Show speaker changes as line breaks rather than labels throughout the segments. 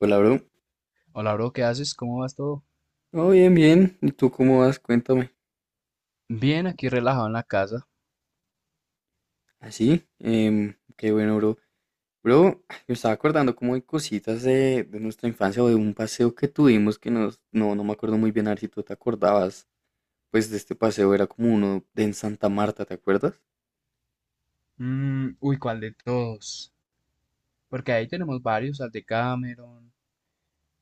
Hola, bro.
Hola, bro, ¿qué haces? ¿Cómo vas todo?
Oh, bien, bien. ¿Y tú cómo vas? Cuéntame.
Bien, aquí relajado en la casa.
Así, qué bueno,
Sí.
bro. Bro, me estaba acordando como de cositas de nuestra infancia o de un paseo que tuvimos que nos, no me acuerdo muy bien, a ver si tú te acordabas. Pues de este paseo era como uno de en Santa Marta, ¿te acuerdas?
Mm, uy, ¿cuál de todos? Porque ahí tenemos varios, al de Cameron,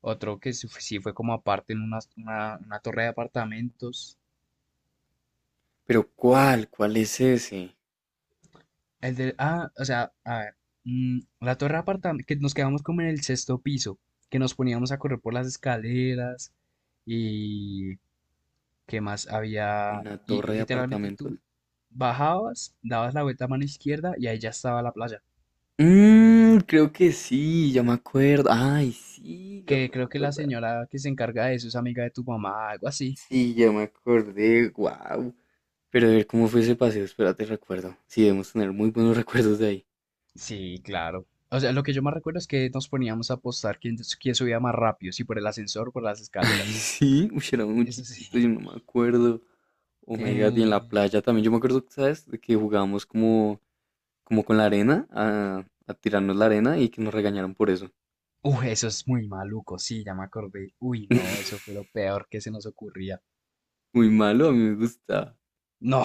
otro que sí fue como aparte en una, una torre de apartamentos.
Pero ¿cuál? ¿Cuál es ese?
El de, ah, o sea, a ver, mm, la torre de apartamentos, que nos quedamos como en el sexto piso, que nos poníamos a correr por las escaleras y qué más había,
¿Una
y
torre de
literalmente
apartamentos?
tú bajabas, dabas la vuelta a mano izquierda y ahí ya estaba la playa.
Mmm, creo que sí, ya me acuerdo. Ay, sí, yo
Que
no me
creo que la
acordaba.
señora que se encarga de eso es amiga de tu mamá, algo así.
Sí, ya me acordé. Wow. Pero a ver cómo fue ese paseo, espérate, recuerdo. Sí, debemos tener muy buenos recuerdos de ahí.
Sí, claro. O sea, lo que yo más recuerdo es que nos poníamos a apostar quién, subía más rápido, si por el ascensor o por las
Ay,
escaleras.
sí, uy, era muy
Eso sí.
chiquito, yo no me acuerdo. Oh my God, y en la
Eh...
playa también, yo me acuerdo, ¿sabes? De que jugábamos como, como con la arena, a tirarnos la arena y que nos regañaron por eso.
Uy, eso es muy maluco, sí, ya me acordé. Uy, no, eso fue lo peor que se nos ocurría.
Muy malo, a mí me gustaba.
No,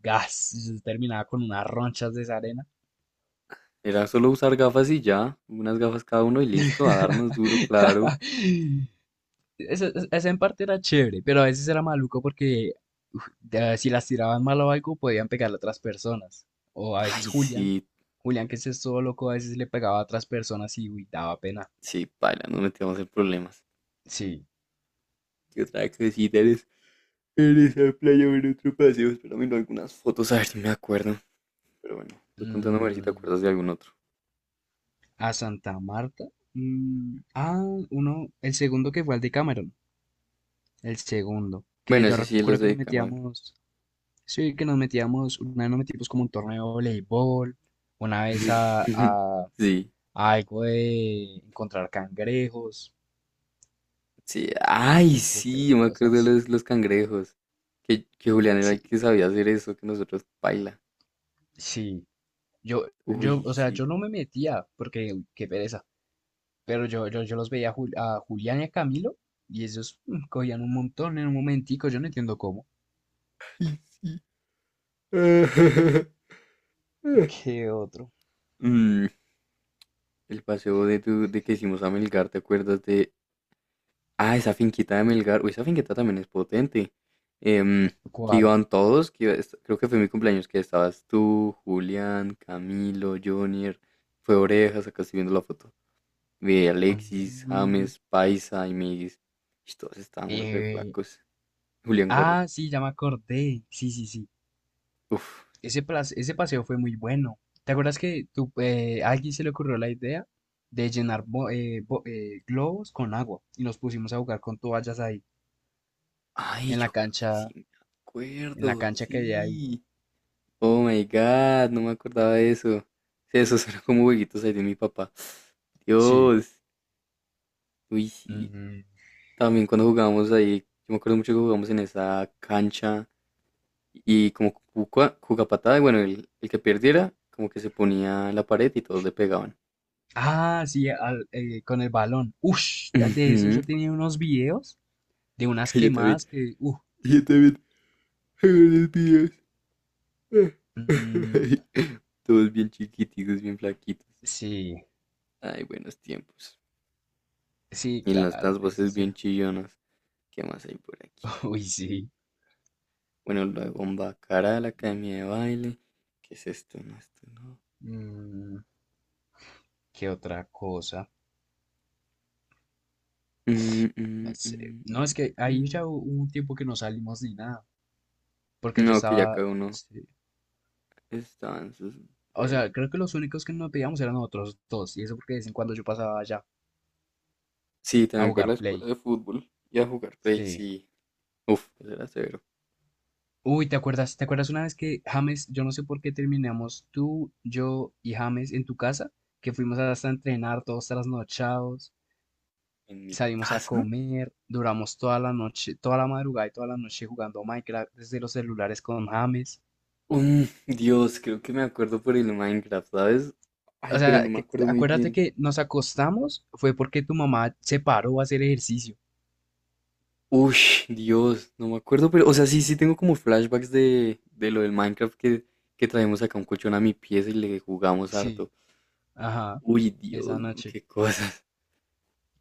gas, yo terminaba con unas ronchas de esa arena.
Era solo usar gafas y ya, unas gafas cada uno y listo, a darnos duro, claro.
Ese, en parte era chévere, pero a veces era maluco porque uf, si las tiraban mal o algo, podían pegarle a otras personas. O a veces
Ay, sí,
Julián, que ese es todo loco, a veces le pegaba a otras personas y uy, daba pena.
sí, paila, nos metíamos en problemas.
Sí.
¿Qué otra cosita eres? En esa playa o en otro paseo, espera, miro algunas fotos, a ver si me acuerdo. Pero bueno, voy contando a ver si te
Mm,
acuerdas de algún otro.
a Santa Marta. mm, ah, uno, el segundo que fue al de Cameron. El segundo. Que
Bueno,
yo
ese sí, los
recuerdo que nos
de Cameron.
metíamos. Sí, que nos metíamos. Una vez nos metimos como un torneo de voleibol. Una vez
Sí,
algo de encontrar cangrejos,
sí. Ay,
un poco de
sí, yo me acuerdo de
cosas.
los cangrejos. Que Julián era
Sí,
el que sabía hacer eso, que nosotros baila.
sí.
Uy,
O sea, yo
sí.
no me metía porque, uy, qué pereza. Pero yo los veía a, a Julián y a Camilo y ellos mm, cogían un montón en un momentico. Yo no entiendo cómo.
Ay, sí.
¿Qué otro?
Mm, el paseo de, tu, de que hicimos a Melgar, ¿te acuerdas de Ah, esa finquita de Melgar. Uy, esa finquita también es potente. Em, que
¿Cuál?
iban todos, creo que fue mi cumpleaños, que estabas tú, Julián, Camilo, Jonier, fue Orejas, acá estoy viendo la foto. Vi a Alexis,
Mm,
James, Paisa y Miguis. Y todos estábamos re
eh,
flacos. Julián Gordo.
sí, ya me acordé. Sí, sí, sí.
Uf.
Ese, ese paseo fue muy bueno. ¿Te acuerdas que tú, a alguien se le ocurrió la idea de llenar globos con agua y nos pusimos a jugar con toallas ahí
Ay,
en la
yo creo que sí
cancha,
me acuerdo.
que había ahí?
Sí. Oh my God, no me acordaba de eso. Sí, esos eran como huequitos ahí de mi papá.
Sí.
Dios. Uy, sí,
Mm.
también cuando jugábamos ahí, yo me acuerdo mucho que jugamos en esa cancha y como cucapatada, y bueno, el que perdiera como que se ponía en la pared y todos le pegaban.
Ah, sí, con el balón. Ush, de eso
Ujú.
yo tenía unos videos de unas
Que yo también,
quemadas que,
yo también hago los videos.
mm,
Todos bien chiquititos, bien flaquitos.
sí,
Ay, buenos tiempos.
sí,
Y nuestras
claro, eso
voces
sí
bien
era.
chillonas. ¿Qué más hay por aquí?
Uy, sí.
Bueno, la bomba cara la academia de baile. ¿Qué es esto? No, esto no.
Mm, ¿qué otra cosa?
Mm,
No
mm,
sé.
mm,
No,
mm,
es que
mm.
ahí ya
Mm.
hubo un tiempo que no salimos ni nada. Porque yo
No, que ya
estaba.
cada uno
Sí.
estaba en sus
O
vueltas.
sea, creo que los únicos que no pedíamos eran nosotros dos. Y eso porque de vez en cuando yo pasaba allá
Sí,
a
también fue a la
jugar
escuela
Play.
de fútbol y a jugar play,
Sí.
sí. Uf, eso era severo.
Uy, ¿te acuerdas? ¿Te acuerdas una vez que James, yo no sé por qué terminamos tú, yo y James en tu casa? Que fuimos hasta a entrenar todos trasnochados.
En mi
Salimos a
casa,
comer, duramos toda la noche, toda la madrugada y toda la noche jugando Minecraft desde los celulares con James.
um Dios, creo que me acuerdo por el Minecraft, ¿sabes?
O
Ay, pero no
sea,
me acuerdo muy
acuérdate
bien.
que nos acostamos fue porque tu mamá se paró a hacer ejercicio.
Uy, Dios, no me acuerdo, pero, o sea, sí, sí tengo como flashbacks de lo del Minecraft que traemos acá un colchón a mi pieza y le jugamos
Sí,
harto.
ajá,
Uy,
esa
Dios, no,
noche.
qué cosas.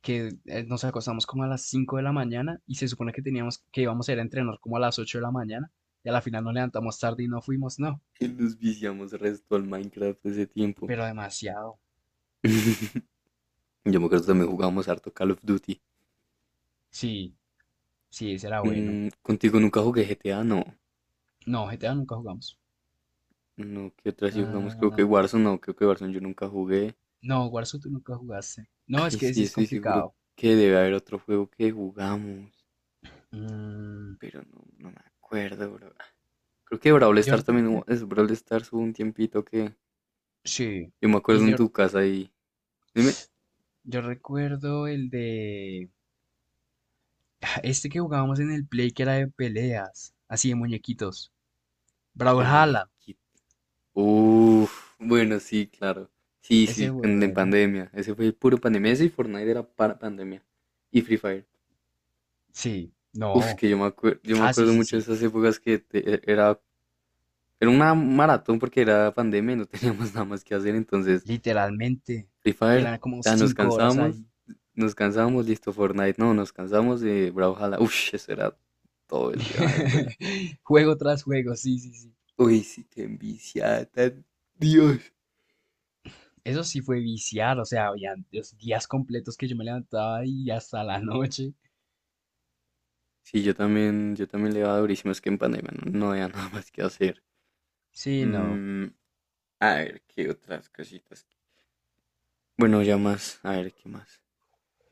Que nos acostamos como a las 5 de la mañana y se supone que teníamos que íbamos a ir a entrenar como a las 8 de la mañana y a la final nos levantamos tarde y no fuimos, no,
Nos viciamos resto al Minecraft ese tiempo.
pero demasiado.
Yo me acuerdo
Mm,
también jugábamos harto Call of Duty.
sí, sí, ese era bueno.
Mm, contigo nunca jugué GTA, no.
No, GTA nunca jugamos.
No, ¿qué otra sí jugamos? Creo que
Ah,
Warzone, no, creo que Warzone yo nunca jugué.
no, Warzone tú nunca jugaste. No,
Ay,
es que
es
ese
que
es
estoy seguro
complicado.
que debe haber otro juego que jugamos,
Mm,
pero no, no me acuerdo, bro. Creo que Brawl
yo
Stars
creo
también hubo,
que
es Brawl Stars hubo un tiempito que
sí.
yo me acuerdo
Y
en
yo,
tu casa y... Dime,
yo recuerdo el de... Este que jugábamos en el Play que era de peleas, así de muñequitos.
de
Brawlhalla.
muñequito. Uf, bueno, sí, claro. Sí, sí,
Ese fue
en
bueno.
pandemia. Ese fue puro pandemia. Ese y Fortnite era para pandemia. Y Free Fire.
Sí,
Uf,
no.
que yo me
Ah, sí,
acuerdo
sí,
mucho de
sí.
esas épocas era, era una maratón porque era pandemia y no teníamos nada más que hacer, entonces
Literalmente.
Free
Que
Fire,
eran como
ya
cinco horas ahí.
nos cansábamos, listo, Fortnite, no, nos cansamos de Brawlhalla, uf, eso era todo el día dándole.
Juego tras juego, sí, sí, sí.
Uy, sí, qué envicia, tan- Dios.
Eso sí fue viciar, o sea, habían los días completos que yo me levantaba y hasta la noche.
Sí, yo también le daba durísimo, es que en pandemia no, no había nada más que hacer.
Sí, no.
Mm, a ver, ¿qué otras cositas? Bueno, ya más, a ver, ¿qué más?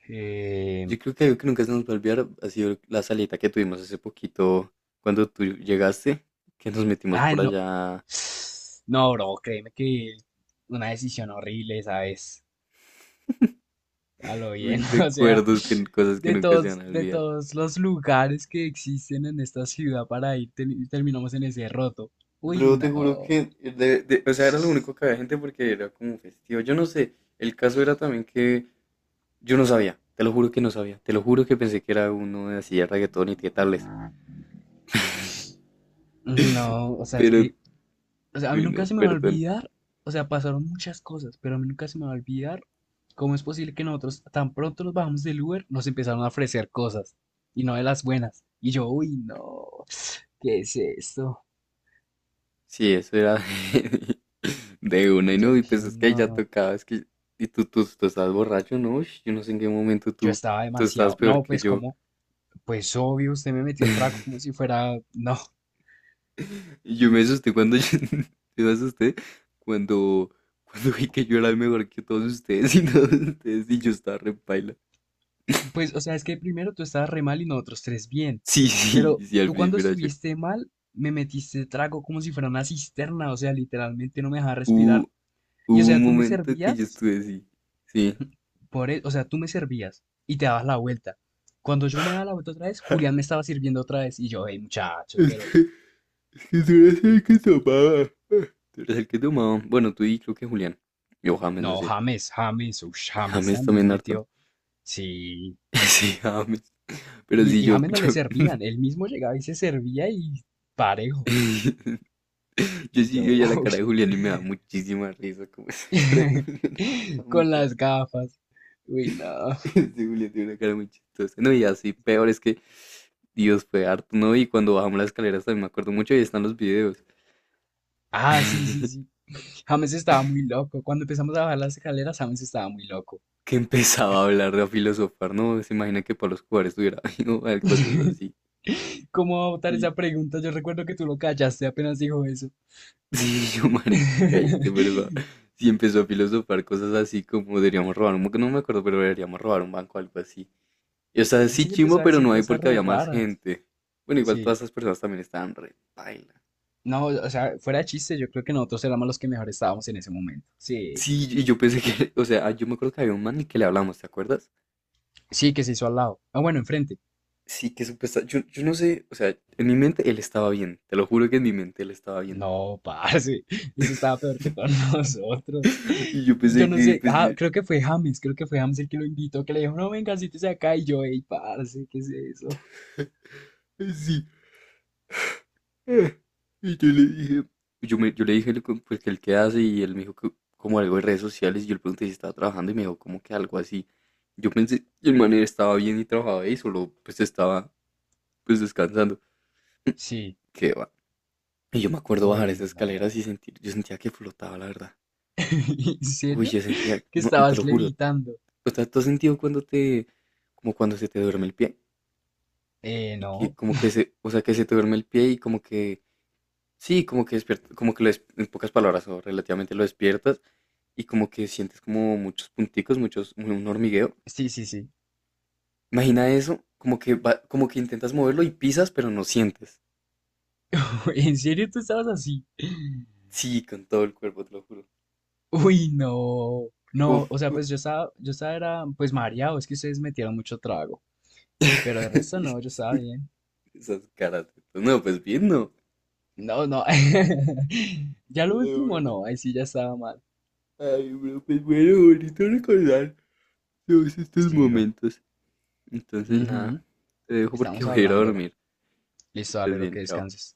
Eh,
Yo creo que algo que nunca se nos va a olvidar ha sido la salita que tuvimos hace poquito cuando tú llegaste, que nos metimos
ay,
por
no.
allá.
No, bro, créeme que una decisión horrible, ¿sabes? A lo bien,
Uy,
o sea,
recuerdos, que, cosas que
de
nunca se
todos,
van a olvidar.
los lugares que existen en esta ciudad para ir, terminamos en ese roto. Uy,
Bro, te juro
no.
que, o sea, era lo único que había gente porque era como festivo. Yo no sé, el caso era también que yo no sabía, te lo juro que no sabía, te lo juro que pensé que era uno de así de reggaetón y qué tales.
No,
Pero,
o sea, a mí
uy,
nunca
no,
se me va a
perdón.
olvidar, o sea, pasaron muchas cosas, pero a mí nunca se me va a olvidar cómo es posible que nosotros tan pronto nos bajamos del Uber, nos empezaron a ofrecer cosas y no de las buenas. Y yo, uy, no, ¿qué es esto?
Sí, eso era de, de una y
Yo
no, y
dije,
pues es que ya
no,
tocaba, es que, y tú estás borracho, ¿no? Ush, yo no sé en qué momento
yo
tú,
estaba
tú estás
demasiado.
peor
No,
que
pues
yo.
como, pues obvio, usted me metió trago como si fuera. No,
Y yo me asusté cuando, yo, yo me asusté cuando, cuando vi que yo era el mejor que todos ustedes y todos ustedes y yo estaba re paila.
pues, o sea, es que primero tú estabas re mal y nosotros tres bien.
Sí, sí,
Pero
sí, al
tú cuando
principio era yo.
estuviste mal, me metiste trago como si fuera una cisterna, o sea, literalmente no me dejaba respirar.
Hubo,
Y o
hubo un
sea, tú me
momento que yo
servías,
estuve así, sí.
por e- o sea, tú me servías y te dabas la vuelta. Cuando yo me daba la vuelta otra vez, Julián me estaba sirviendo otra vez. Y yo, hey, muchachos,
es
pero.
que Es que tú eres el que tomaba. Tú eres el que tomaba. Bueno, tú y creo que Julián. Yo James, no
No,
sé.
James, uff, James
¿James
también
también harto?
metió. Sí.
Sí, James. Pero sí,
Y, James no le
yo,
servían, él mismo llegaba y se servía y parejo.
yo
Y
sí veo
yo,
ya la
uy,
cara de Julián y me da muchísima risa como esa cara de Julián. Da
con
mucha
las gafas. Uy, no.
risa. Sí, Julián tiene una cara muy chistosa. No, y así peor es que Dios fue harto, ¿no? Y cuando bajamos las escaleras también me acuerdo mucho y están los videos.
Ah, sí, sí, sí. James estaba muy loco. Cuando empezamos a bajar las escaleras, James estaba muy loco.
Que empezaba a hablar, a filosofar, ¿no? Se imagina que Pablo Escobar estuviera viendo cosas así.
¿Cómo va a votar
Y,
esa pregunta? Yo recuerdo que tú lo callaste apenas dijo eso.
sí, yo, marica, cállate, por favor. Sí, empezó a filosofar cosas así como deberíamos robar un banco, no me acuerdo, pero deberíamos robar un banco, algo así. Y o sea, sí
Sí, empezó
chimbo,
a
pero
decir
no hay
cosas
porque
re
había más
raras.
gente. Bueno, igual todas
Sí.
esas personas también estaban re paila.
No, o sea, fuera de chiste, yo creo que nosotros éramos los que mejor estábamos en ese momento. Sí.
Sí, y yo pensé que, o sea, ah, yo me acuerdo que había un man y que le hablamos, ¿te acuerdas?
Sí, que se hizo al lado. Ah, bueno, enfrente.
Sí, que supuestamente, yo no sé, o sea, en mi mente él estaba bien, te lo juro que en mi mente él estaba bien.
No, parce, ese estaba peor que todos nosotros.
Y yo
Y yo
pensé
no
que,
sé,
pues,
ah,
yo-
creo que fue James el que lo invitó, que le dijo, no, venga, siéntese acá. Y yo, ey, parce, ¿qué es eso?
Sí, Eh, y yo le dije, yo, yo le dije lo pues, que él qué hace y él me dijo que como algo de redes sociales y yo le pregunté si estaba trabajando y me dijo como que algo así. Yo pensé, y el man estaba bien y trabajaba y solo pues estaba pues descansando.
Sí,
Qué va. Y yo me acuerdo bajar
uy,
esas escaleras
no.
y sentir, yo sentía que flotaba, la verdad.
¿En
Uy,
serio?
yo sentía,
¿Que
no, te lo
estabas
juro.
levitando?
O sea, ¿tú has sentido cuando te, como cuando se te duerme el pie? Y que
No.
como que se, o sea, que se te duerme el pie y como que sí, como que despierta, como que en pocas palabras o relativamente lo despiertas y como que sientes como muchos punticos, muchos, un hormigueo.
Sí, sí, sí.
Imagina eso, como que como que intentas moverlo y pisas, pero no sientes.
¿En serio tú estabas así?
Sí, con todo el cuerpo, te lo juro.
Uy, no.
Uf.
No, o sea, pues yo estaba, era, pues mareado, es que ustedes metieron mucho trago. Pero de resto no, yo estaba bien.
Esas caras. No, pues bien, no.
No, no. Ya lo
Pero
último
bueno,
no, ahí sí ya estaba mal.
ay, bro, pues bueno, bonito recordar todos estos
Sí, bro.
momentos. Entonces, nada,
Ujú,
te dejo porque
estamos
voy a ir a
hablando, bro.
dormir. Que
Listo, dale,
estés
lo que
bien, chao.
descanses.